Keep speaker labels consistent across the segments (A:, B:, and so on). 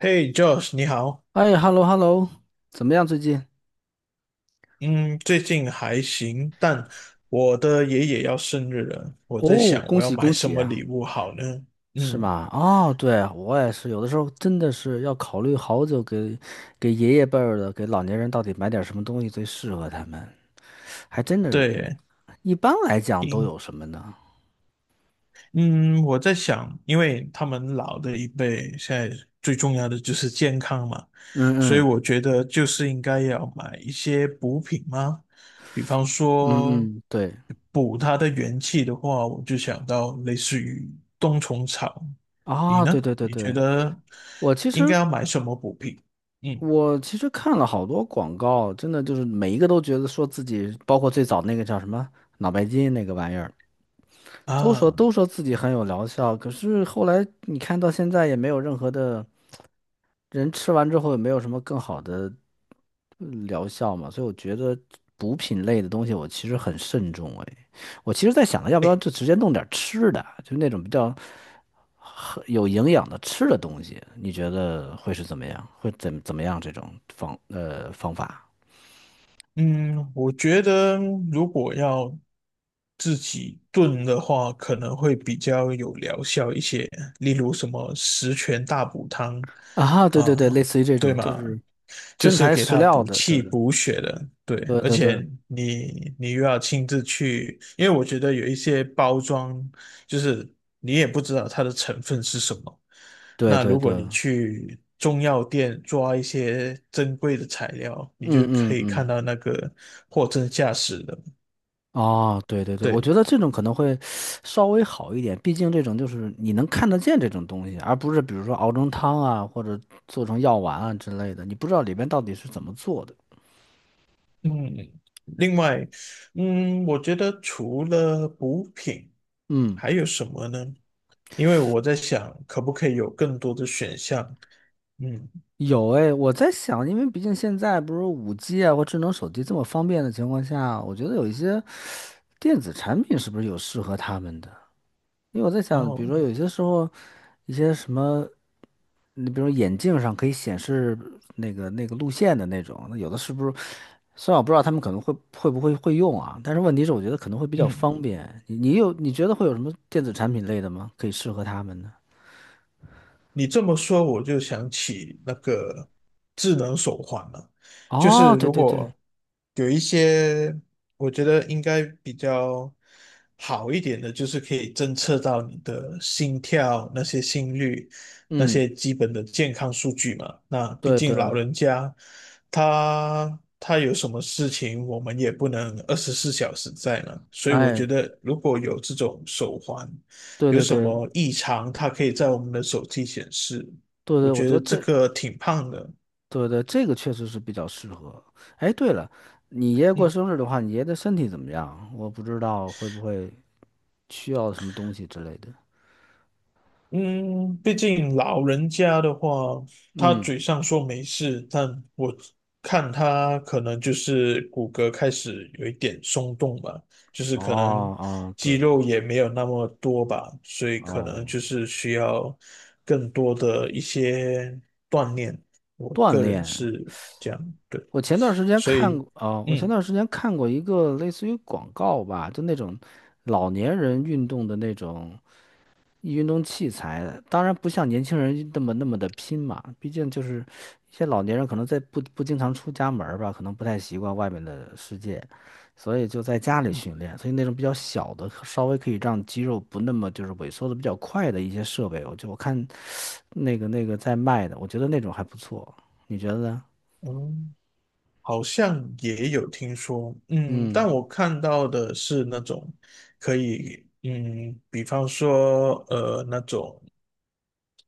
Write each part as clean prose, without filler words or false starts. A: 嘿，Josh，你好。
B: 哎，hello hello，怎么样最近？
A: 嗯，最近还行，但我的爷爷要生日了，我在
B: 哦，
A: 想
B: 恭
A: 我要
B: 喜
A: 买
B: 恭
A: 什
B: 喜
A: 么
B: 啊。
A: 礼物好呢？
B: 是
A: 嗯，
B: 吗？哦，对，我也是，有的时候真的是要考虑好久给爷爷辈儿的，给老年人到底买点什么东西最适合他们，还真的是，
A: 对，
B: 一般来讲都有什么呢？
A: 嗯，我在想，因为他们老的一辈现在最重要的就是健康嘛，
B: 嗯
A: 所以
B: 嗯
A: 我觉得就是应该要买一些补品吗？比方说
B: 嗯嗯，对
A: 补他的元气的话，我就想到类似于冬虫草。你
B: 啊，对
A: 呢？
B: 对对
A: 你觉
B: 对。
A: 得
B: 我其
A: 应该
B: 实
A: 要买什么补品？嗯
B: 我其实看了好多广告，真的就是每一个都觉得说自己，包括最早那个叫什么脑白金那个玩意儿。都说
A: 啊。
B: 都说自己很有疗效，可是后来你看到现在也没有任何的人吃完之后也没有什么更好的疗效嘛，所以我觉得补品类的东西我其实很慎重哎，我其实在想着要不要就直接弄点吃的，就那种比较很有营养的吃的东西，你觉得会是怎么样？会怎么样这种方法？
A: 嗯，我觉得如果要自己炖的话，可能会比较有疗效一些，例如什么十全大补汤
B: 啊，对对对，类
A: 啊，
B: 似于这
A: 对
B: 种就
A: 吗？
B: 是
A: 就
B: 真
A: 是
B: 材
A: 给
B: 实
A: 它
B: 料
A: 补
B: 的，对
A: 气
B: 的，
A: 补血的，对。
B: 对
A: 而
B: 对对
A: 且你又要亲自去，因为我觉得有一些包装，就是你也不知道它的成分是什么，
B: 对
A: 那
B: 对
A: 如果
B: 对。
A: 你去中药店抓一些珍贵的材料，你
B: 嗯
A: 就可
B: 嗯
A: 以看
B: 嗯，
A: 到那个货真价实的。
B: 哦，对对对，我觉
A: 对，
B: 得这种可能会稍微好一点，毕竟这种就是你能看得见这种东西，而不是比如说熬成汤啊，或者做成药丸啊之类的，你不知道里边到底是怎么做的。
A: 嗯，另外，嗯，我觉得除了补品，
B: 嗯，
A: 还有什么呢？因为我在想，可不可以有更多的选项？嗯，
B: 有哎，我在想，因为毕竟现在不是 5G 啊或智能手机这么方便的情况下，我觉得有一些电子产品是不是有适合他们的？因为我在想，比如
A: 哦，
B: 说有些时候，一些什么，你比如说眼镜上可以显示那个路线的那种，那有的是不是？虽然我不知道他们可能会不会用啊，但是问题是我觉得可能会比较
A: 嗯。
B: 方便。你觉得会有什么电子产品类的吗？可以适合他们的？
A: 你这么说，我就想起那个智能手环了。就是
B: 哦，对
A: 如
B: 对对，
A: 果有一些，我觉得应该比较好一点的，就是可以侦测到你的心跳、那些心率、那
B: 嗯，
A: 些基本的健康数据嘛。那毕
B: 对
A: 竟
B: 对，
A: 老人家，他有什么事情，我们也不能24小时在呢。所以我觉
B: 哎，
A: 得，如果有这种手环，
B: 对
A: 有
B: 对
A: 什
B: 对
A: 么异常，它可以在我们的手机显示。
B: 对
A: 我
B: 对，我
A: 觉
B: 觉
A: 得
B: 得
A: 这
B: 这，
A: 个挺胖的，
B: 对对，这个确实是比较适合。哎，对了，你爷爷过
A: 嗯
B: 生日的话，你爷爷的身体怎么样？我不知道会不会需要什么东西之类的。
A: 嗯，毕竟老人家的话，他
B: 嗯，
A: 嘴上说没事，但我看他可能就是骨骼开始有一点松动吧，就是
B: 哦
A: 可能
B: 哦，对，
A: 肌肉也没有那么多吧，所以可
B: 哦，
A: 能就是需要更多的一些锻炼。我
B: 锻
A: 个人
B: 炼。
A: 是这样，对，
B: 我前段时间
A: 所
B: 看
A: 以
B: 过，哦，我前
A: 嗯。
B: 段时间看过一个类似于广告吧，就那种老年人运动的那种，运动器材，当然不像年轻人那么那么的拼嘛，毕竟就是一些老年人可能在不经常出家门儿吧，可能不太习惯外面的世界，所以就在家里训练，所以那种比较小的，稍微可以让肌肉不那么就是萎缩的比较快的一些设备，我看那个在卖的，我觉得那种还不错，你觉得呢？
A: 哦，好像也有听说，嗯，但
B: 嗯，
A: 我看到的是那种可以，嗯，比方说，那种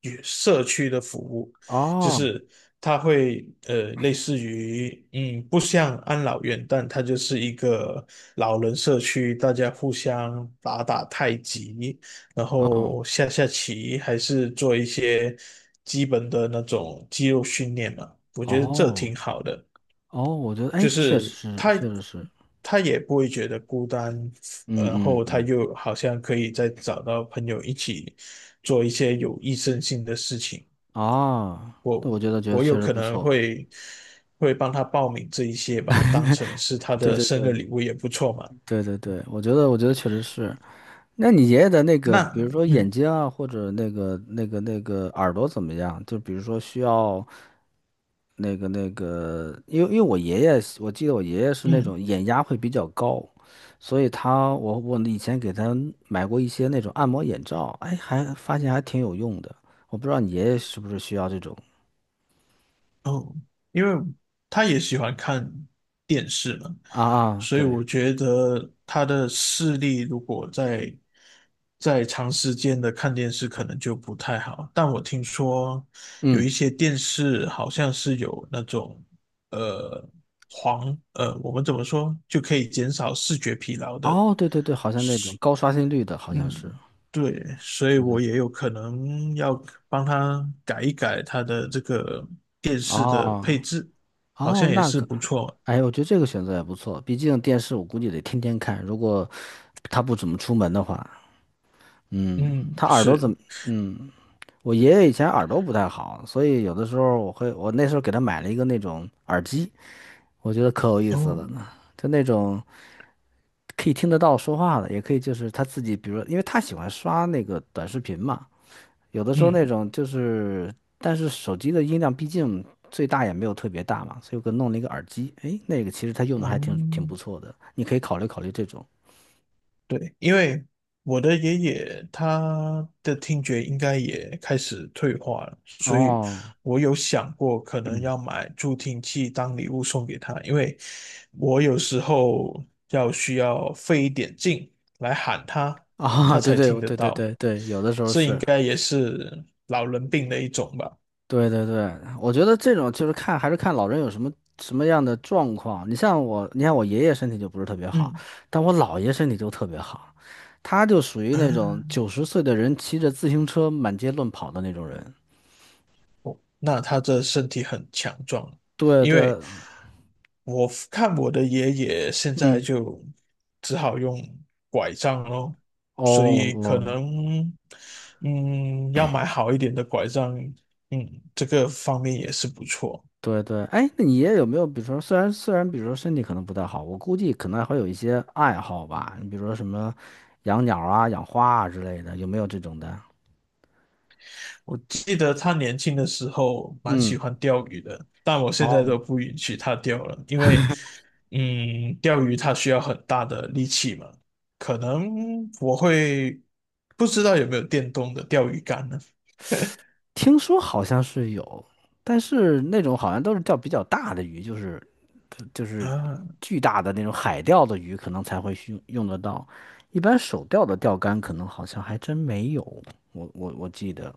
A: 与社区的服务，就
B: 哦，
A: 是它会，类似于，嗯，不像安老院，但它就是一个老人社区，大家互相打打太极，然
B: 哦，
A: 后下下棋，还是做一些基本的那种肌肉训练嘛，我觉得这
B: 哦，
A: 挺好的。
B: 哦，我觉得，
A: 就
B: 哎，确
A: 是
B: 实是，
A: 他
B: 确实是，
A: 他也不会觉得孤单，
B: 嗯
A: 然
B: 嗯
A: 后他
B: 嗯，
A: 又好像可以再找到朋友一起做一些有益身心的事情。
B: 哦，那
A: 我
B: 我觉得
A: 我有
B: 确实
A: 可
B: 不
A: 能
B: 错。
A: 会帮他报名这一些吧，当成是他
B: 对
A: 的
B: 对
A: 生日
B: 对
A: 礼物也不错嘛。
B: 对对对，我觉得确实是。那你爷爷的那个，比如
A: 那
B: 说眼
A: 嗯
B: 睛啊，或者那个耳朵怎么样？就比如说需要那个，因为我爷爷，我记得我爷爷是那种
A: 嗯。
B: 眼压会比较高，所以我以前给他买过一些那种按摩眼罩，哎，还发现还挺有用的。我不知道你爷爷是不是需要这种
A: 哦，因为他也喜欢看电视嘛，
B: 啊啊，
A: 所以
B: 对，
A: 我觉得他的视力如果在长时间的看电视，可能就不太好。但我听说有一
B: 嗯，
A: 些电视好像是有那种呃黄我们怎么说就可以减少视觉疲劳的。
B: 哦，对对对，好像那种高刷新率的，好像是，
A: 嗯，对，所以
B: 对对。
A: 我也有可能要帮他改一改他的这个电视的配
B: 哦，
A: 置，好像
B: 哦，
A: 也
B: 那
A: 是
B: 个，
A: 不错。
B: 哎，我觉得这个选择也不错，毕竟电视我估计得天天看，如果他不怎么出门的话。嗯，
A: 嗯，
B: 他耳朵
A: 是，
B: 怎么？嗯，我爷爷以前耳朵不太好，所以有的时候我会，我那时候给他买了一个那种耳机，我觉得可有意思
A: 哦，
B: 了呢，就那种可以听得到说话的，也可以就是他自己，比如因为他喜欢刷那个短视频嘛，有的时候那
A: 嗯，
B: 种就是，但是手机的音量毕竟最大也没有特别大嘛，所以我给弄了一个耳机，诶，那个其实它用的还挺
A: 哦，
B: 不错的，你可以考虑考虑这种。
A: 对，因为我的爷爷他的听觉应该也开始退化了，所以
B: 哦，
A: 我有想过可能
B: 嗯，
A: 要买助听器当礼物送给他，因为我有时候需要费一点劲来喊 他，他
B: 啊，对
A: 才
B: 对，
A: 听得
B: 对对
A: 到，
B: 对对，有的时候
A: 应
B: 是，
A: 该也是老人病的一种吧。
B: 对对对，我觉得这种就是看还是看老人有什么样的状况。你像我，你看我爷爷身体就不是特别好，
A: 嗯
B: 但我姥爷身体就特别好，他就属于那种
A: 啊，
B: 90岁的人骑着自行车满街乱跑的那种人。
A: 那他的身体很强壮，
B: 对
A: 因
B: 对，
A: 为我看我的爷爷现在
B: 嗯。
A: 就只好用拐杖咯，
B: 哦
A: 所以可
B: 哦，
A: 能嗯要买好一点的拐杖，嗯，这个方面也是不错。
B: 对对，哎，那你也有没有，比如说，虽然，比如说身体可能不太好，我估计可能还有一些爱好吧，你比如说什么养鸟啊、养花啊之类的，有没有这种的？
A: 我记得他年轻的时候蛮喜
B: 嗯，
A: 欢钓鱼的，但我现在
B: 哦，
A: 都不允许他钓了，因为，嗯，钓鱼他需要很大的力气嘛。可能我会不知道有没有电动的钓鱼竿呢？
B: 听说好像是有，但是那种好像都是钓比较大的鱼，就是
A: 啊，
B: 巨大的那种海钓的鱼，可能才会用得到，一般手钓的钓竿可能好像还真没有，我记得，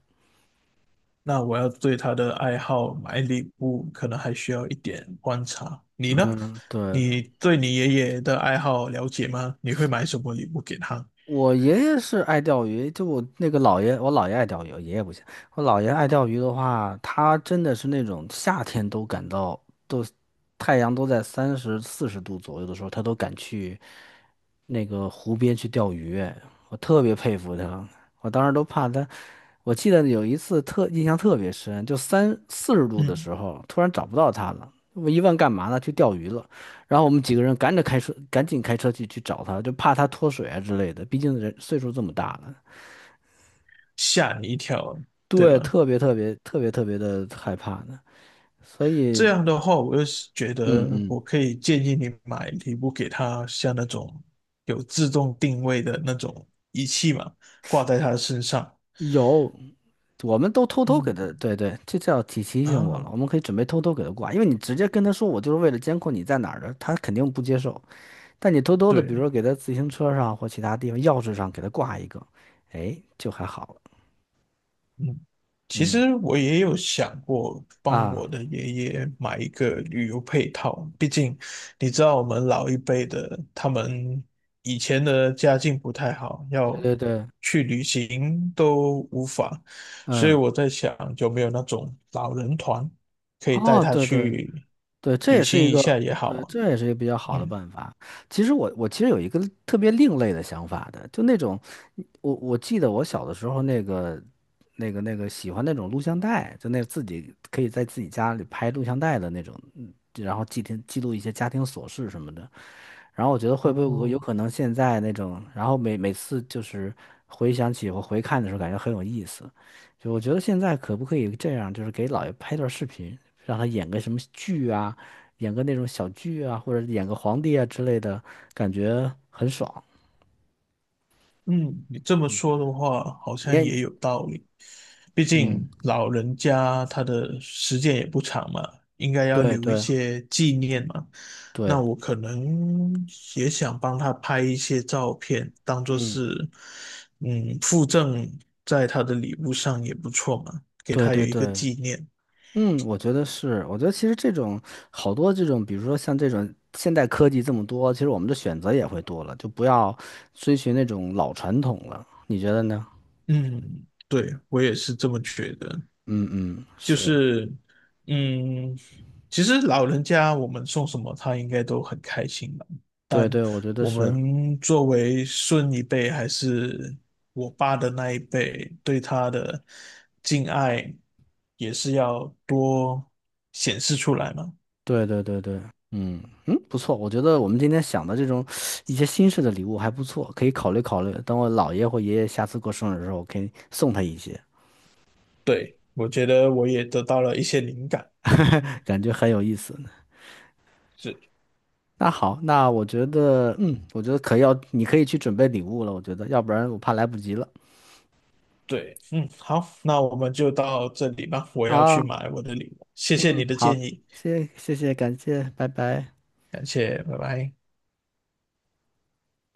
A: 那我要对他的爱好买礼物，可能还需要一点观察。你呢？
B: 嗯，对。
A: 你对你爷爷的爱好了解吗？你会买什么礼物给他？
B: 我爷爷是爱钓鱼，就我那个姥爷，我姥爷爱钓鱼，我爷爷不行。我姥爷爱钓鱼的话，他真的是那种夏天都感到都太阳都在30-40度左右的时候，他都敢去那个湖边去钓鱼，我特别佩服他。我当时都怕他，我记得有一次特印象特别深，就三四十度的
A: 嗯，
B: 时候，突然找不到他了，我一问干嘛呢？去钓鱼了。然后我们几个人赶着开车，赶紧开车去找他，就怕他脱水啊之类的。毕竟人岁数这么大了，
A: 吓你一跳，对
B: 对，
A: 吧？
B: 特别特别特别特别的害怕呢。所
A: 这
B: 以，
A: 样的话，我就是觉
B: 嗯
A: 得
B: 嗯，
A: 我可以建议你买一部给他，像那种有自动定位的那种仪器嘛，挂在他的身上。
B: 有，我们都偷偷给
A: 嗯
B: 他，对对，这叫提醒我了。
A: 啊，
B: 我们可以准备偷偷给他挂，因为你直接跟他说我就是为了监控你在哪儿的，他肯定不接受。但你偷偷的，比如
A: 对。
B: 说给他自行车上或其他地方钥匙上给他挂一个，哎，就还好了。
A: 嗯，其
B: 嗯
A: 实我也有想过帮
B: 啊，
A: 我的爷爷买一个旅游配套，毕竟你知道我们老一辈的，他们以前的家境不太好，
B: 对
A: 要
B: 对对，
A: 去旅行都无法，所以
B: 嗯，
A: 我在想有没有那种老人团可以带
B: 哦，
A: 他
B: 对对。
A: 去
B: 对，这
A: 旅
B: 也是
A: 行
B: 一
A: 一
B: 个，
A: 下也好
B: 对，
A: 啊。
B: 这也是一个比较好的
A: 嗯。
B: 办法。其实有一个特别另类的想法的，就那种，我记得我小的时候那个喜欢那种录像带，就那自己可以在自己家里拍录像带的那种，然后记录一些家庭琐事什么的。然后我觉得会不会有
A: 哦，
B: 可能现在那种，然后每次就是回想起我回看的时候，感觉很有意思。就我觉得现在可不可以这样，就是给姥爷拍段视频，让他演个什么剧啊，演个那种小剧啊，或者演个皇帝啊之类的，感觉很爽。
A: 嗯，你这么说的话，好像
B: 也，
A: 也有道理。毕
B: 嗯，
A: 竟老人家他的时间也不长嘛，应该要
B: 对
A: 留一
B: 对
A: 些纪念嘛。那
B: 对，
A: 我可能也想帮他拍一些照片，当做
B: 嗯，
A: 是嗯附赠在他的礼物上也不错嘛，给
B: 对
A: 他有
B: 对
A: 一个
B: 对。
A: 纪念。
B: 嗯，我觉得是，我觉得其实这种好多这种，比如说像这种现代科技这么多，其实我们的选择也会多了，就不要追寻那种老传统了，你觉得呢？
A: 嗯，对，我也是这么觉得。
B: 嗯嗯，
A: 就
B: 是，
A: 是，嗯，其实老人家我们送什么，他应该都很开心吧。
B: 对
A: 但
B: 对，我觉得
A: 我
B: 是，
A: 们作为孙一辈，还是我爸的那一辈，对他的敬爱也是要多显示出来嘛。
B: 对对对对，嗯嗯，不错，我觉得我们今天想的这种一些新式的礼物还不错，可以考虑考虑，等我姥爷或爷爷下次过生日的时候，我可以送他一些，
A: 对，我觉得我也得到了一些灵感。嗯，
B: 感觉很有意思。
A: 是，
B: 那好，那我觉得可要，你可以去准备礼物了。我觉得，要不然我怕来不及了。
A: 对，嗯，好，那我们就到这里吧。我要
B: 啊，
A: 去买我的礼物，谢谢你
B: 嗯，
A: 的
B: 好，
A: 建议，
B: 谢谢，感谢，拜拜。
A: 感谢，拜拜。